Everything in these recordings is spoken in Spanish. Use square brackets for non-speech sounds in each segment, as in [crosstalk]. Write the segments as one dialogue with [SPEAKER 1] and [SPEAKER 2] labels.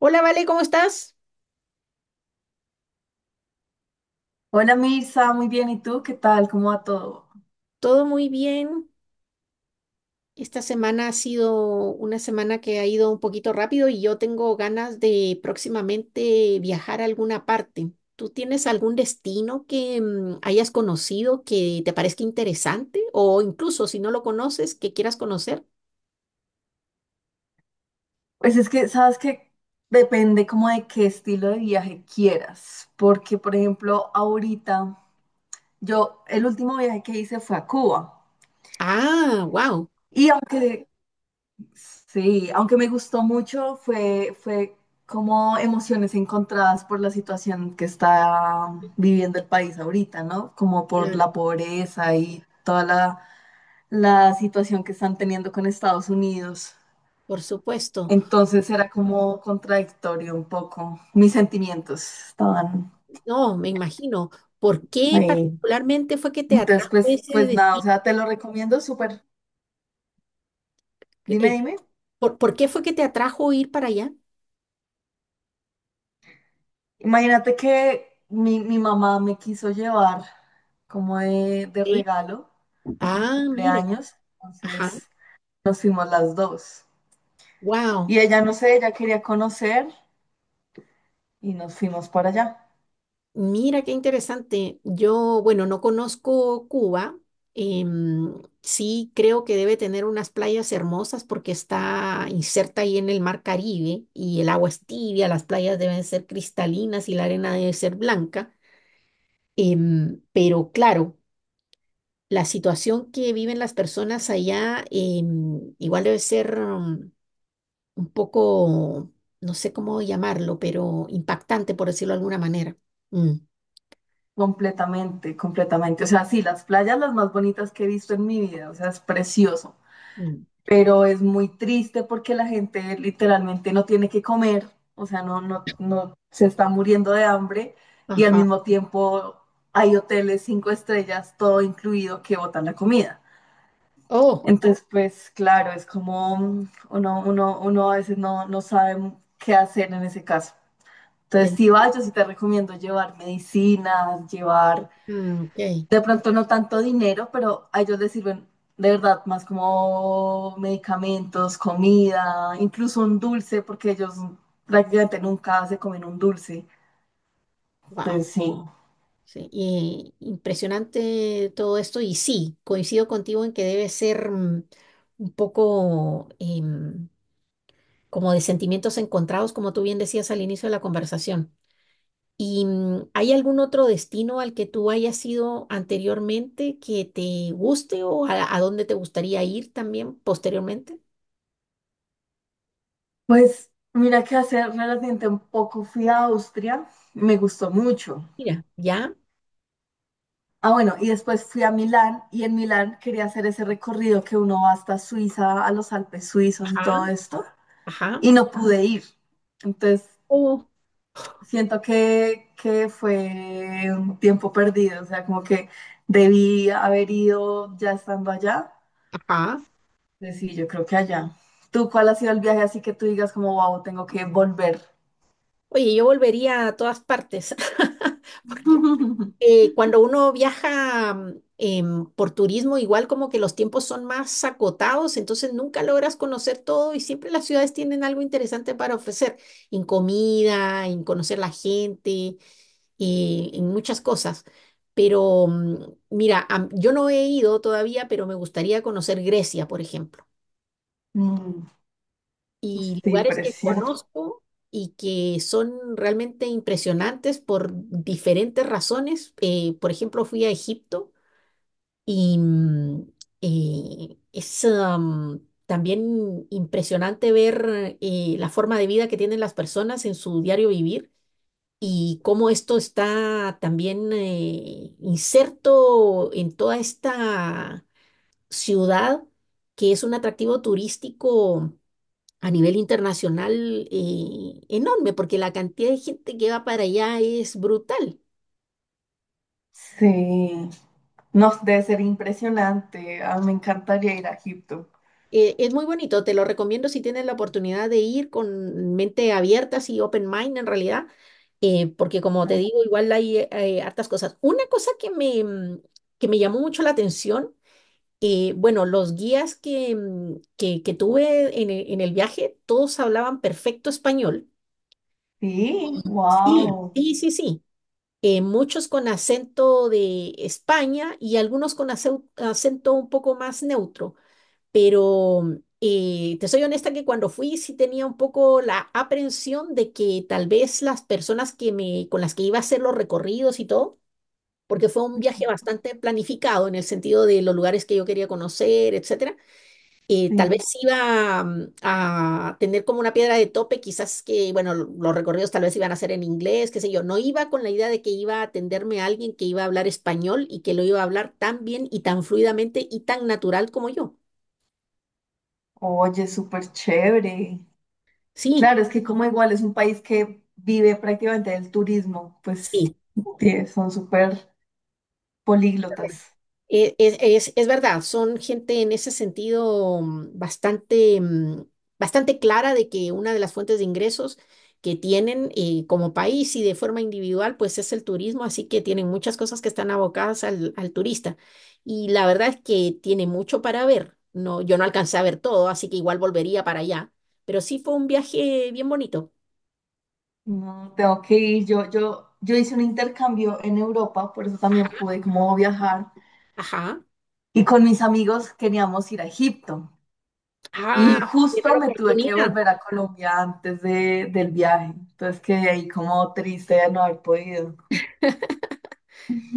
[SPEAKER 1] Hola, Vale, ¿cómo estás?
[SPEAKER 2] Hola Mirza, muy bien. ¿Y tú qué tal? ¿Cómo va todo?
[SPEAKER 1] Todo muy bien. Esta semana ha sido una semana que ha ido un poquito rápido y yo tengo ganas de próximamente viajar a alguna parte. ¿Tú tienes algún destino que hayas conocido que te parezca interesante o incluso si no lo conoces, que quieras conocer?
[SPEAKER 2] Pues es que, sabes que depende como de qué estilo de viaje quieras, porque por ejemplo, ahorita yo el último viaje que hice fue a Cuba
[SPEAKER 1] Ah, wow.
[SPEAKER 2] y aunque sí, aunque me gustó mucho, fue como emociones encontradas por la situación que está viviendo el país ahorita, ¿no? Como por
[SPEAKER 1] Claro,
[SPEAKER 2] la pobreza y toda la situación que están teniendo con Estados Unidos.
[SPEAKER 1] por supuesto.
[SPEAKER 2] Entonces era como contradictorio un poco. Mis sentimientos estaban
[SPEAKER 1] No, me imagino. ¿Por qué
[SPEAKER 2] ahí.
[SPEAKER 1] particularmente fue que te
[SPEAKER 2] Entonces,
[SPEAKER 1] atrajo
[SPEAKER 2] pues,
[SPEAKER 1] ese
[SPEAKER 2] pues nada, o
[SPEAKER 1] destino?
[SPEAKER 2] sea, te lo recomiendo súper. Dime,
[SPEAKER 1] Eh,
[SPEAKER 2] dime.
[SPEAKER 1] ¿por qué fue que te atrajo ir para allá?
[SPEAKER 2] Imagínate que mi mamá me quiso llevar como de regalo de
[SPEAKER 1] Ah, mira,
[SPEAKER 2] cumpleaños.
[SPEAKER 1] ajá,
[SPEAKER 2] Entonces nos fuimos las dos.
[SPEAKER 1] wow,
[SPEAKER 2] Y ella, no sé, ella quería conocer y nos fuimos para allá.
[SPEAKER 1] mira qué interesante. Yo, bueno, no conozco Cuba. em, sí creo que debe tener unas playas hermosas porque está inserta ahí en el mar Caribe y el agua es tibia, las playas deben ser cristalinas y la arena debe ser blanca. Pero claro, la situación que viven las personas allá igual debe ser... mm, un poco, no sé cómo llamarlo, pero impactante, por decirlo de alguna manera. Mm,
[SPEAKER 2] Completamente, completamente. O sea, sí, las playas las más bonitas que he visto en mi vida. O sea, es precioso.
[SPEAKER 1] mm.
[SPEAKER 2] Pero es muy triste porque la gente literalmente no tiene que comer, o sea, no se está muriendo de hambre y al
[SPEAKER 1] Ajá.
[SPEAKER 2] mismo tiempo hay hoteles cinco estrellas, todo incluido, que botan la comida.
[SPEAKER 1] Oh,
[SPEAKER 2] Entonces, pues claro, es como uno a veces no sabe qué hacer en ese caso.
[SPEAKER 1] te
[SPEAKER 2] Entonces, si
[SPEAKER 1] entiendo.
[SPEAKER 2] vas, yo sí te recomiendo llevar medicinas, llevar
[SPEAKER 1] Ah, ok.
[SPEAKER 2] de pronto no tanto dinero, pero a ellos les sirven de verdad más como medicamentos, comida, incluso un dulce, porque ellos prácticamente nunca se comen un dulce.
[SPEAKER 1] Wow.
[SPEAKER 2] Entonces sí.
[SPEAKER 1] Sí, y impresionante todo esto. Y sí, coincido contigo en que debe ser un poco como de sentimientos encontrados, como tú bien decías al inicio de la conversación. ¿Y hay algún otro destino al que tú hayas ido anteriormente que te guste o a dónde te gustaría ir también posteriormente?
[SPEAKER 2] Pues mira que hace relativamente un poco fui a Austria, me gustó mucho.
[SPEAKER 1] Mira, ya,
[SPEAKER 2] Ah, bueno, y después fui a Milán y en Milán quería hacer ese recorrido que uno va hasta Suiza, a los Alpes suizos y
[SPEAKER 1] ajá,
[SPEAKER 2] todo esto,
[SPEAKER 1] ajá,
[SPEAKER 2] y no pude ir. Entonces
[SPEAKER 1] oh,
[SPEAKER 2] siento que fue un tiempo perdido, o sea, como que debí haber ido ya estando allá.
[SPEAKER 1] ajá.
[SPEAKER 2] Pues sí, yo creo que allá. ¿Tú cuál ha sido el viaje así que tú digas como, wow, tengo que volver?
[SPEAKER 1] Oye, yo volvería a todas partes, [laughs] porque
[SPEAKER 2] [laughs]
[SPEAKER 1] cuando uno viaja por turismo, igual como que los tiempos son más acotados, entonces nunca logras conocer todo y siempre las ciudades tienen algo interesante para ofrecer, en comida, en conocer la gente, en muchas cosas. Pero mira, yo no he ido todavía, pero me gustaría conocer Grecia, por ejemplo,
[SPEAKER 2] Mm.
[SPEAKER 1] y
[SPEAKER 2] Sí,
[SPEAKER 1] lugares que
[SPEAKER 2] precioso.
[SPEAKER 1] conozco. Y que son realmente impresionantes por diferentes razones. Por ejemplo, fui a Egipto y es también impresionante ver la forma de vida que tienen las personas en su diario vivir y cómo esto está también inserto en toda esta ciudad que es un atractivo turístico a nivel internacional enorme, porque la cantidad de gente que va para allá es brutal.
[SPEAKER 2] Sí, no, debe ser impresionante. Ah, me encantaría ir a Egipto.
[SPEAKER 1] Es muy bonito, te lo recomiendo si tienes la oportunidad de ir con mente abierta, así open mind en realidad, porque como te digo, igual hay hartas cosas. Una cosa que me llamó mucho la atención, bueno, los guías que tuve en el viaje, todos hablaban perfecto español.
[SPEAKER 2] Sí,
[SPEAKER 1] Sí,
[SPEAKER 2] wow.
[SPEAKER 1] sí, sí, sí. Muchos con acento de España y algunos con acento un poco más neutro. Pero te soy honesta que cuando fui sí tenía un poco la aprensión de que tal vez las con las que iba a hacer los recorridos y todo, porque fue un viaje bastante planificado en el sentido de los lugares que yo quería conocer, etcétera, tal vez
[SPEAKER 2] Sí.
[SPEAKER 1] iba a tener como una piedra de tope, quizás que, bueno, los recorridos tal vez iban a ser en inglés, qué sé yo. No iba con la idea de que iba a atenderme a alguien que iba a hablar español y que lo iba a hablar tan bien y tan fluidamente y tan natural como yo.
[SPEAKER 2] Oye, súper chévere.
[SPEAKER 1] Sí.
[SPEAKER 2] Claro, es que como igual es un país que vive prácticamente del turismo, pues
[SPEAKER 1] Sí.
[SPEAKER 2] son súper políglotas.
[SPEAKER 1] Es verdad, son gente en ese sentido bastante clara de que una de las fuentes de ingresos que tienen como país y de forma individual, pues es el turismo, así que tienen muchas cosas que están abocadas al turista. Y la verdad es que tiene mucho para ver. No, yo no alcancé a ver todo, así que igual volvería para allá. Pero sí fue un viaje bien bonito.
[SPEAKER 2] No, tengo que ir. Yo hice un intercambio en Europa, por eso también pude como viajar.
[SPEAKER 1] Ajá.
[SPEAKER 2] Y con mis amigos queríamos ir a Egipto.
[SPEAKER 1] Ah,
[SPEAKER 2] Y
[SPEAKER 1] era
[SPEAKER 2] justo
[SPEAKER 1] la
[SPEAKER 2] me tuve que
[SPEAKER 1] oportunidad.
[SPEAKER 2] volver a Colombia antes del viaje. Entonces quedé ahí como triste de no haber podido.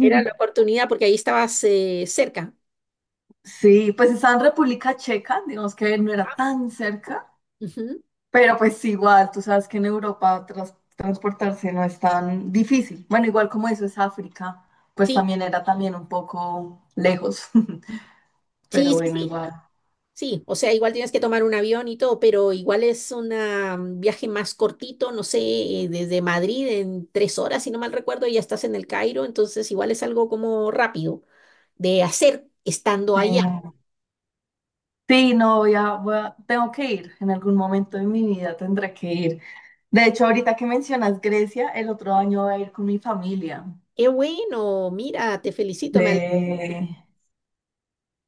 [SPEAKER 1] Era la oportunidad porque ahí estabas cerca.
[SPEAKER 2] Sí, pues estaba en República Checa, digamos que no era tan cerca.
[SPEAKER 1] Ujú.
[SPEAKER 2] Pero pues igual, tú sabes que en Europa transportarse no es tan difícil. Bueno, igual como eso es África, pues
[SPEAKER 1] Sí,
[SPEAKER 2] también era también un poco lejos. [laughs]
[SPEAKER 1] sí,
[SPEAKER 2] Pero
[SPEAKER 1] sí,
[SPEAKER 2] bueno,
[SPEAKER 1] sí,
[SPEAKER 2] igual.
[SPEAKER 1] sí. O sea, igual tienes que tomar un avión y todo, pero igual es un viaje más cortito, no sé, desde Madrid en 3 horas, si no mal recuerdo, ya estás en el Cairo, entonces igual es algo como rápido de hacer estando
[SPEAKER 2] Sí.
[SPEAKER 1] allá.
[SPEAKER 2] Sí, no, tengo que ir. En algún momento de mi vida tendré que ir. De hecho, ahorita que mencionas Grecia, el otro año voy a ir con mi familia.
[SPEAKER 1] Qué bueno, mira, te felicito, me
[SPEAKER 2] Eh,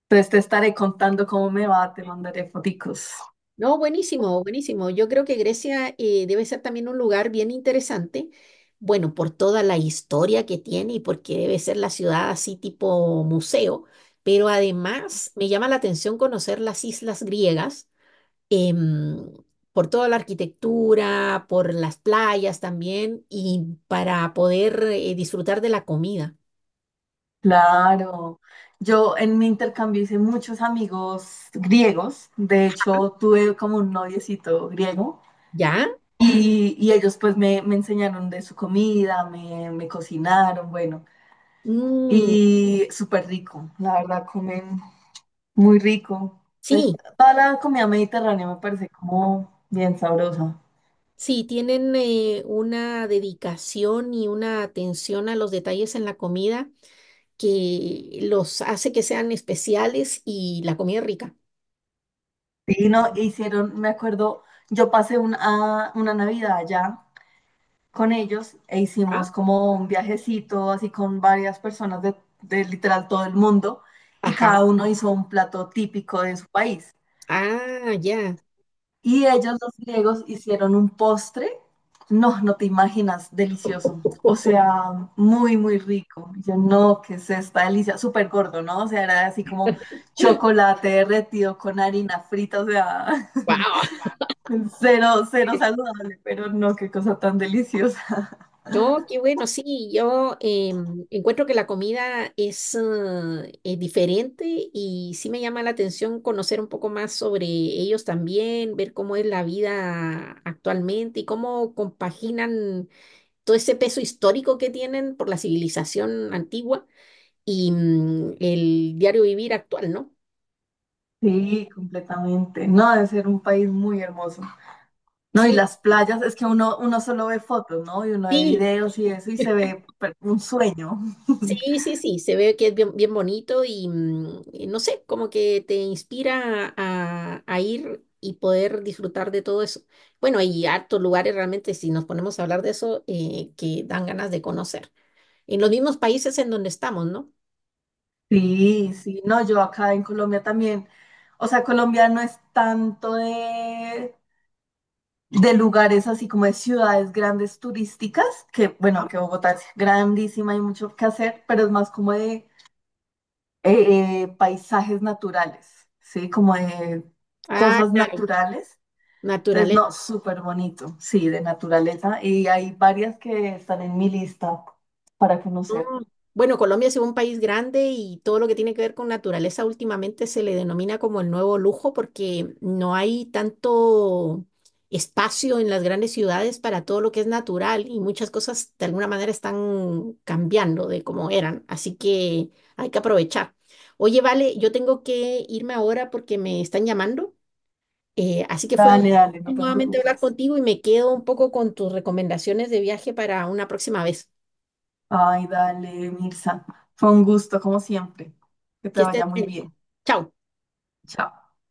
[SPEAKER 2] entonces te estaré contando cómo me va, te mandaré foticos.
[SPEAKER 1] No, buenísimo, buenísimo. Yo creo que Grecia debe ser también un lugar bien interesante, bueno, por toda la historia que tiene y porque debe ser la ciudad así tipo museo, pero además me llama la atención conocer las islas griegas, em, por toda la arquitectura, por las playas también y para poder disfrutar de la comida.
[SPEAKER 2] Claro, yo en mi intercambio hice muchos amigos griegos, de hecho tuve como un noviecito griego
[SPEAKER 1] ¿Ya?
[SPEAKER 2] y ellos pues me enseñaron de su comida, me cocinaron, bueno,
[SPEAKER 1] Mm,
[SPEAKER 2] y súper rico, la verdad comen muy rico, pues
[SPEAKER 1] sí.
[SPEAKER 2] toda la comida mediterránea me parece como bien sabrosa.
[SPEAKER 1] Sí, tienen una dedicación y una atención a los detalles en la comida que los hace que sean especiales y la comida es rica.
[SPEAKER 2] Sí, no, hicieron, me acuerdo, yo pasé una Navidad allá con ellos e
[SPEAKER 1] Ah,
[SPEAKER 2] hicimos como un viajecito así con varias personas de literal todo el mundo y
[SPEAKER 1] ajá.
[SPEAKER 2] cada uno hizo un plato típico de su país.
[SPEAKER 1] Ah, ya.
[SPEAKER 2] Y ellos, los griegos, hicieron un postre, no, no te imaginas, delicioso, o
[SPEAKER 1] [laughs]
[SPEAKER 2] sea, muy, muy rico. Y yo no, qué es esta delicia, súper gordo, ¿no? O sea, era así como chocolate derretido con harina frita, o sea, [laughs]
[SPEAKER 1] Wow.
[SPEAKER 2] cero, cero saludable, pero no, qué cosa tan deliciosa.
[SPEAKER 1] No, qué bueno, sí, yo encuentro que la comida es diferente y sí me llama la atención conocer un poco más sobre ellos también, ver cómo es la vida actualmente y cómo compaginan todo ese peso histórico que tienen por la civilización antigua y el diario vivir actual, ¿no?
[SPEAKER 2] Sí, completamente. No, debe ser un país muy hermoso. No, y
[SPEAKER 1] Sí,
[SPEAKER 2] las playas, es que uno, uno solo ve fotos, ¿no? Y uno ve
[SPEAKER 1] sí,
[SPEAKER 2] videos y eso y se
[SPEAKER 1] [laughs]
[SPEAKER 2] ve un sueño. [laughs]
[SPEAKER 1] sí, sí, sí, se ve que es bien, bien bonito y, y no sé, como que te inspira a ir y poder disfrutar de todo eso. Bueno, hay hartos lugares realmente, si nos ponemos a hablar de eso, que dan ganas de conocer. En los mismos países en donde estamos, ¿no?
[SPEAKER 2] Sí, sí, no, yo acá en Colombia también, o sea, Colombia no es tanto de lugares así como de ciudades grandes turísticas, que bueno,
[SPEAKER 1] Ah,
[SPEAKER 2] que Bogotá es grandísima, hay mucho que hacer, pero es más como de paisajes naturales, ¿sí? Como de
[SPEAKER 1] ah,
[SPEAKER 2] cosas
[SPEAKER 1] claro.
[SPEAKER 2] naturales. Entonces,
[SPEAKER 1] Naturaleza.
[SPEAKER 2] no, súper bonito, sí, de naturaleza. Y hay varias que están en mi lista para
[SPEAKER 1] No,
[SPEAKER 2] conocer.
[SPEAKER 1] bueno, Colombia es un país grande y todo lo que tiene que ver con naturaleza últimamente se le denomina como el nuevo lujo porque no hay tanto espacio en las grandes ciudades para todo lo que es natural y muchas cosas de alguna manera están cambiando de como eran, así que hay que aprovechar. Oye, vale, yo tengo que irme ahora porque me están llamando, así que fue un
[SPEAKER 2] Dale, dale, no te
[SPEAKER 1] nuevamente hablar
[SPEAKER 2] preocupes.
[SPEAKER 1] contigo y me quedo un poco con tus recomendaciones de viaje para una próxima vez.
[SPEAKER 2] Ay, dale, Mirza. Fue un gusto, como siempre. Que te
[SPEAKER 1] Que estés
[SPEAKER 2] vaya muy
[SPEAKER 1] bien.
[SPEAKER 2] bien.
[SPEAKER 1] Chao.
[SPEAKER 2] Chao.